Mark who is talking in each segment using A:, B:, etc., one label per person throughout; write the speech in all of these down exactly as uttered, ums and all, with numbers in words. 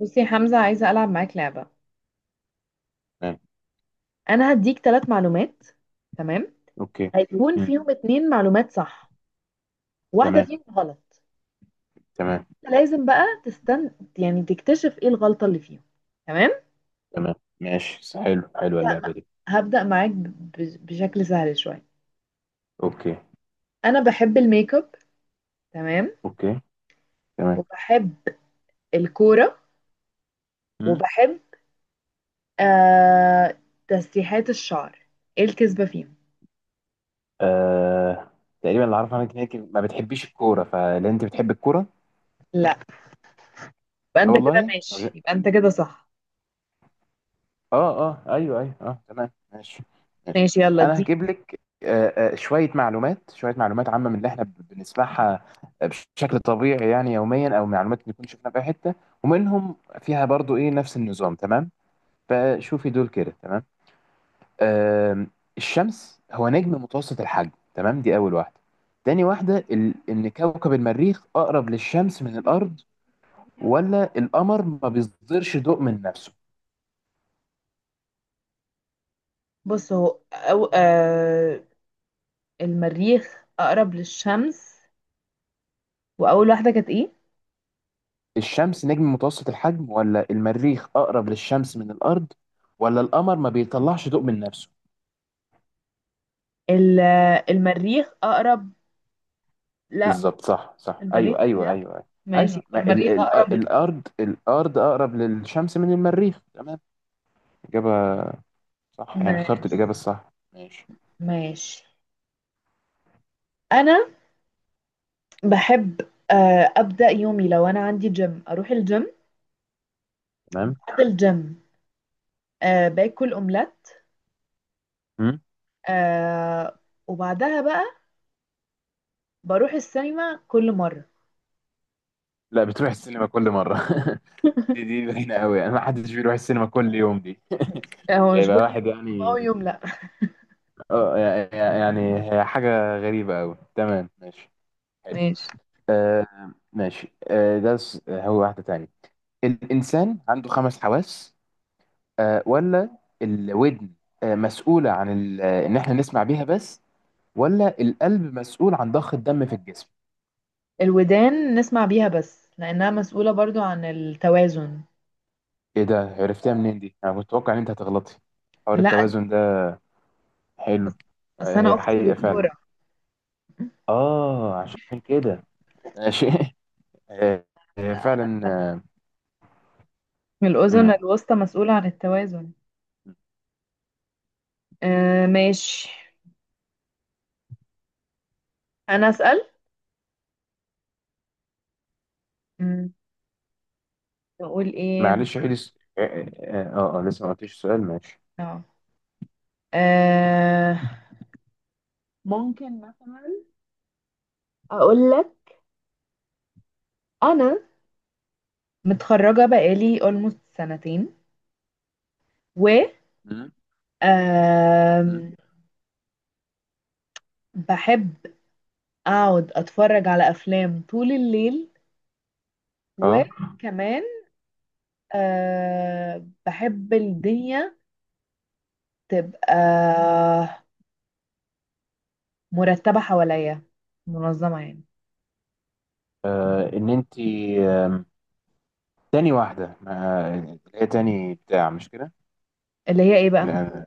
A: بصي يا حمزة، عايزة ألعب معاك لعبة.
B: تمام.
A: أنا هديك ثلاث معلومات. تمام،
B: اوكي.
A: هيكون
B: مم.
A: فيهم اتنين معلومات صح، واحدة
B: تمام.
A: فيهم غلط.
B: تمام.
A: أنت لازم بقى تستن، يعني تكتشف ايه الغلطة اللي فيهم. تمام.
B: تمام. ماشي. س- حلو، حلوه
A: هبدأ
B: اللعبه
A: مع-
B: دي.
A: هبدأ معاك ب- ب- بشكل سهل شوية.
B: اوكي.
A: أنا بحب الميك اب. تمام.
B: اوكي. تمام.
A: وبحب الكورة.
B: مم.
A: وبحب آه... تسريحات الشعر. ايه الكذبة فيهم؟
B: آه... تقريبا اللي اعرفه عنك انك ما بتحبيش الكوره، فلا انت بتحب الكوره.
A: لا، يبقى
B: لا
A: انت كده
B: والله.
A: ماشي، يبقى انت كده صح.
B: اه، اه، ايوه، ايوه، اه، تمام، ماشي. ماشي.
A: ماشي يلا
B: انا
A: دي.
B: هجيب لك آه آه شويه معلومات، شويه معلومات عامه من اللي احنا بنسمعها آه، بشكل طبيعي، يعني يوميا او معلومات نكون شفناها في أي حته، ومنهم فيها برضو ايه نفس النظام، تمام. فشوفي دول كده، تمام. آم، الشمس هو نجم متوسط الحجم، تمام. دي أول واحدة. تاني واحدة ال... إن كوكب المريخ أقرب للشمس من الأرض، ولا القمر ما بيصدرش ضوء من نفسه.
A: بص، هو أو... آه... المريخ أقرب للشمس. وأول واحدة كانت إيه؟
B: الشمس نجم متوسط الحجم، ولا المريخ أقرب للشمس من الأرض، ولا القمر ما بيطلعش ضوء من نفسه.
A: ال- المريخ أقرب. لا.
B: بالظبط، صح صح،
A: المريخ
B: أيوه
A: بجد؟
B: أيوه أيوه أيوه. أيوة.
A: ماشي،
B: ما ال...
A: المريخ
B: ال...
A: أقرب لل-
B: الأرض الأرض أقرب للشمس من المريخ، تمام. إجابة صح، يعني اخترت
A: ماشي.
B: الإجابة الصح، ماشي.
A: ماشي. أنا بحب، آه، أبدأ يومي. لو أنا عندي جيم أروح الجيم. بعد الجيم آه، باكل أومليت.
B: تمام.
A: آه، وبعدها بقى بروح السينما كل مرة.
B: لا، بتروح السينما كل مرة دي دي باينة قوي، يعني ما حدش بيروح السينما كل يوم دي
A: هو مش كل
B: يبقى
A: يوم،
B: واحد
A: يوم أو
B: يعني.
A: يوم لأ.
B: اه، يع- يع- يعني هي حاجة غريبة قوي، تمام ماشي. حلو.
A: ماشي.
B: آه. ماشي. آه، ده س- هو واحدة تانية. الإنسان عنده خمس حواس، آه، ولا الودن آه مسؤولة عن ال- آه، إن إحنا نسمع بيها بس، ولا القلب مسؤول عن ضخ الدم في الجسم.
A: الودان نسمع بيها بس، لأنها مسؤولة برضو عن التوازن.
B: إيه ده؟ عرفتها منين دي؟ أنا كنت متوقع إن أنت هتغلطي، حوار
A: لا.
B: التوازن ده. حلو. آه،
A: اصل انا
B: هي
A: اختي
B: حقيقة
A: دكتوره.
B: فعلا. اه، عشان كده. ماشي آه. آه، فعلا آه.
A: من الاذن
B: مم.
A: الوسطى مسؤوله عن التوازن. آه ماشي. انا اسال. مم، اقول ايه.
B: معلش، عيد الس- اه اه آه، آه، آه، لسه ما قلتش السؤال، ماشي.
A: اه آه، ممكن مثلا اقول لك. انا متخرجه بقالي almost سنتين، و
B: مم.
A: آم،
B: مم.
A: بحب اقعد اتفرج على افلام طول الليل.
B: اه،
A: وكمان آه بحب الدنيا تبقى مرتبه حواليا، منظمه يعني.
B: آه، ان انت آم، تاني واحده، ما- اللي هي تاني بتاع، مش كده؟
A: اللي هي ايه بقى؟
B: لا،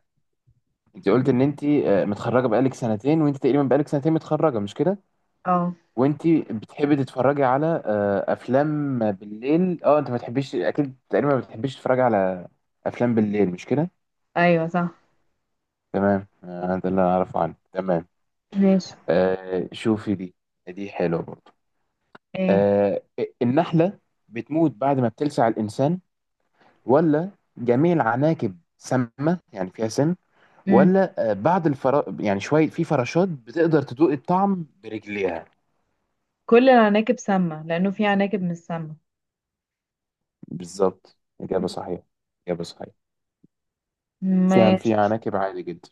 B: انت قلت ان انت آه، متخرجه بقالك سنتين، وانت تقريبا بقالك سنتين متخرجه، مش كده؟
A: اه،
B: وانت بتحبي تتفرجي على آه، افلام بالليل، اه انت ما تحبيش، اكيد تقريبا ما بتحبيش تتفرجي على افلام بالليل، مش كده؟
A: ايوه صح.
B: تمام. آه، ده اللي انا اعرفه عنه، تمام.
A: ماشي.
B: آه شوفي دي، دي حلوه برضو.
A: ايه؟
B: آه. النحله بتموت بعد ما بتلسع الانسان، ولا جميع العناكب سامه يعني فيها سم،
A: امم.
B: ولا آه بعض الفرا يعني شويه في فراشات بتقدر تدوق الطعم برجليها.
A: كل العناكب سامة، لأنه في عناكب مش سامة.
B: بالظبط، اجابه صحيحه، اجابه صحيحه. كان في
A: ماشي.
B: عناكب عادي جدا،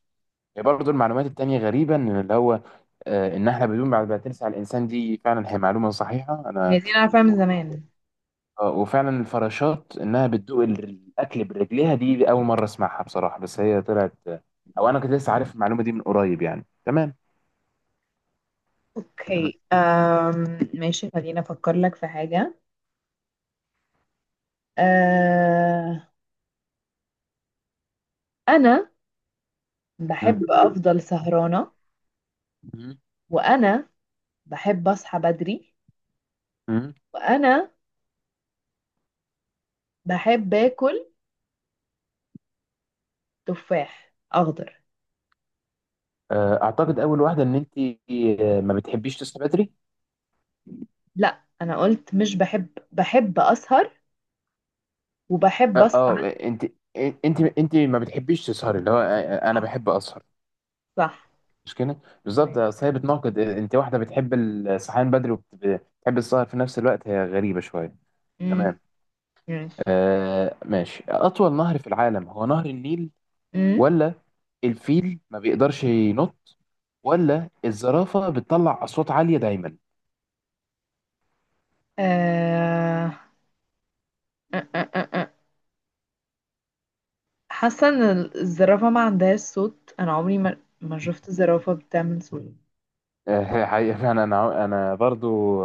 B: هي برضو المعلومات التانية غريبة إن اللي هو آه، النحلة بدون بعد ما تلسع الإنسان دي فعلا هي معلومة صحيحة أنا.
A: هي دي أنا عارفاها من زمان.
B: آه، وفعلا الفراشات انها بتدوق ال- الاكل برجليها دي اول مره اسمعها بصراحه، بس هي طلعت آه، او انا كنت لسه عارف المعلومه دي من قريب يعني، تمام. تمام.
A: اوكي. أم... ماشي، خليني أفكر لك في حاجة. أه... أنا
B: مم.
A: بحب أفضل سهرانة.
B: مم.
A: وأنا بحب أصحى بدري.
B: مم.
A: وأنا بحب آكل تفاح أخضر.
B: آه، اعتقد اول واحده ان انت آه، ما بتحبيش تصحي بدري.
A: لا، أنا قلت مش بحب، بحب أسهر، وبحب
B: اه،
A: أصحى
B: آه،
A: بدري.
B: انت انت انت ما بتحبيش تسهري، اللي هو آه، آه، انا
A: صح.
B: بحب اسهر،
A: صح.
B: مش كده؟ بالظبط، اصل هي بتناقض، انت واحده بتحب الصحيان بدري وبتحب السهر في نفس الوقت، هي غريبه شويه.
A: ماشي.
B: تمام.
A: ماشي.
B: آه ماشي. أطول نهر في العالم هو نهر النيل،
A: امم.
B: ولا الفيل ما بيقدرش ينط، ولا الزرافة بتطلع أصوات عالية دايما.
A: آه... آه، آه، آه، آه. حاسه ان الزرافه ما عندهاش صوت، انا عمري ما ما شفت زرافه بتعمل صوت.
B: آه حقيقة أنا أنا أنا برضو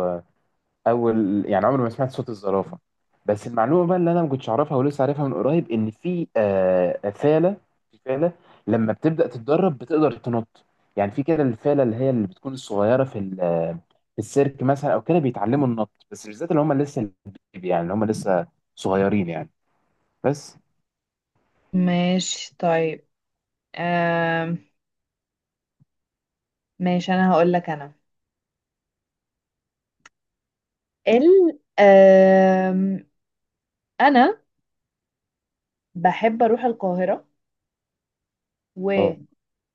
B: اول، يعني عمري ما سمعت صوت الزرافه. بس المعلومه بقى اللي انا ما كنتش اعرفها ولسه عارفها من قريب ان في آه فاله. في فاله لما بتبدا تتدرب بتقدر تنط، يعني في كده الفاله اللي هي اللي بتكون الصغيره في ال- في السيرك مثلا او كده بيتعلموا النط، بس بالذات اللي هم لسه البيبي، يعني اللي هم لسه صغيرين يعني بس.
A: ماشي طيب. آم، ماشي، انا هقول لك. انا ال آم، انا بحب اروح القاهرة،
B: اه.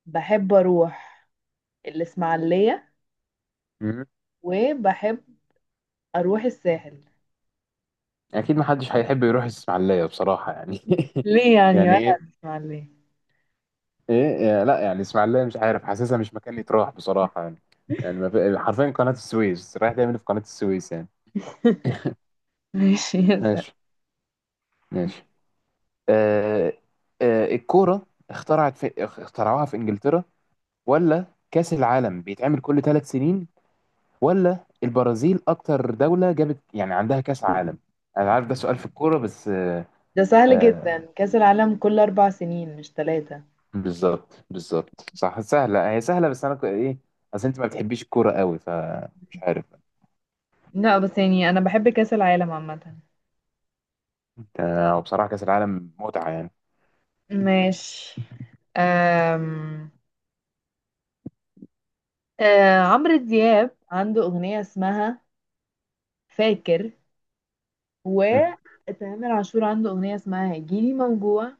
A: وبحب اروح الاسماعيلية،
B: مم.
A: وبحب اروح الساحل.
B: اكيد ما حدش هيحب يروح الاسماعيليه بصراحه يعني
A: ليه يعني؟
B: يعني
A: ولا
B: إيه؟
A: الاسماعيلية؟
B: ايه يا- لا يعني اسماعيليه مش عارف، حاسسها مش مكان يتراح بصراحه يعني. يعني ما في- حرفيا قناه السويس، رايح تعمل في قناه السويس يعني.
A: ماشي يا سهل.
B: ماشي. ماشي. آه. آه الكوره اخترعت في اخترعوها في انجلترا، ولا كاس العالم بيتعمل كل ثلاث سنين، ولا البرازيل اكتر دوله جابت يعني عندها كاس عالم. انا عارف ده سؤال في الكوره بس آه.
A: ده سهل
B: آه،
A: جدا، كأس العالم كل اربع سنين مش ثلاثة.
B: بالظبط بالظبط صح، سهله، هي سهله بس انا ك- ايه، اصل انت ما بتحبيش الكوره قوي فمش عارف.
A: لا، بس يعني انا بحب كأس العالم عامة.
B: آه، وبصراحة كأس العالم متعة يعني.
A: ماشي. أم... أه، عمرو دياب عنده أغنية اسمها فاكر،
B: مم.
A: وتامر عاشور عنده أغنية اسمها هيجيلي موجوع،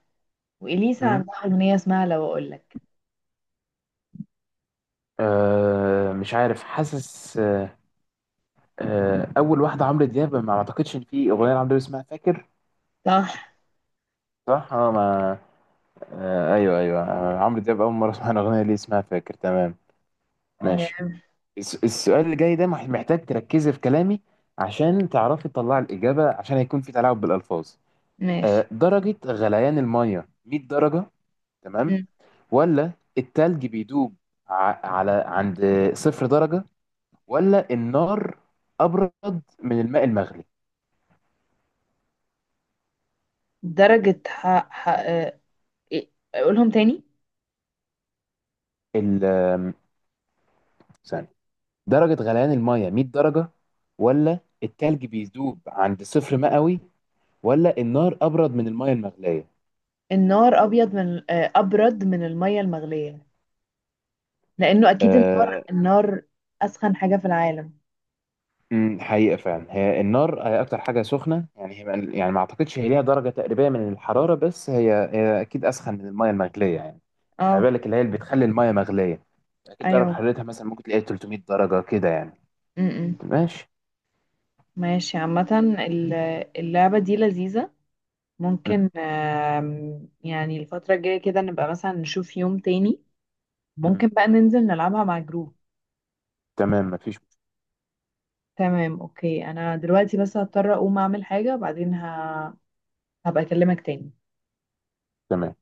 A: وإليسا
B: مم.
A: عندها أغنية اسمها لو أقولك.
B: أه مش عارف، حاسس أه، أه، أول واحدة عمرو دياب ما أعتقدش إن في أغنية لعمرو دياب اسمها فاكر.
A: صح.
B: صح؟ أه ما، أه أيوه أيوه، آه، عمرو دياب أول مرة أسمع الأغنية اللي اسمها فاكر، تمام. ماشي.
A: م-
B: الس- السؤال اللي جاي ده مح- محتاج تركزي في كلامي، عشان تعرفي تطلعي الإجابة، عشان هيكون في تلاعب بالألفاظ. أه،
A: ماشي.
B: درجة غليان المية مية درجة، تمام.
A: م.
B: ولا التلج بيدوب ع- على عند صفر درجة. ولا النار ابرد من الماء المغلي.
A: درجة حق حق أه... إيه؟ أقولهم تاني.
B: ال آم، ثانية، درجة غليان المية مية درجة، ولا التلج بيذوب عند صفر مئوي، ولا النار ابرد من المية المغلية.
A: النار أبيض من أه، أبرد من المية المغلية، لأنه أكيد النار
B: أه.
A: النار أسخن حاجة في العالم.
B: أمم، حقيقة فعلا هي النار هي أكتر حاجة سخنة يعني هي، يعني ما أعتقدش هي ليها درجة تقريبية من الحرارة بس هي، هي أكيد أسخن من المية المغلية يعني. ما
A: اه
B: بالك اللي هي اللي بتخلي المية مغلية أكيد درجة
A: أيوه.
B: حرارتها مثلا ممكن تلاقي تلتمية درجة كده يعني.
A: م -م.
B: ماشي.
A: ماشي عامة، ال- اللعبة دي لذيذة.
B: مم.
A: ممكن آم، يعني الفترة الجاية كده نبقى مثلا نشوف يوم تاني.
B: مم.
A: ممكن بقى ننزل نلعبها مع جروب.
B: تمام مفيش.
A: تمام. اوكي، انا دلوقتي بس هضطر اقوم اعمل حاجة، بعدين ه... هبقى اكلمك تاني.
B: تمام.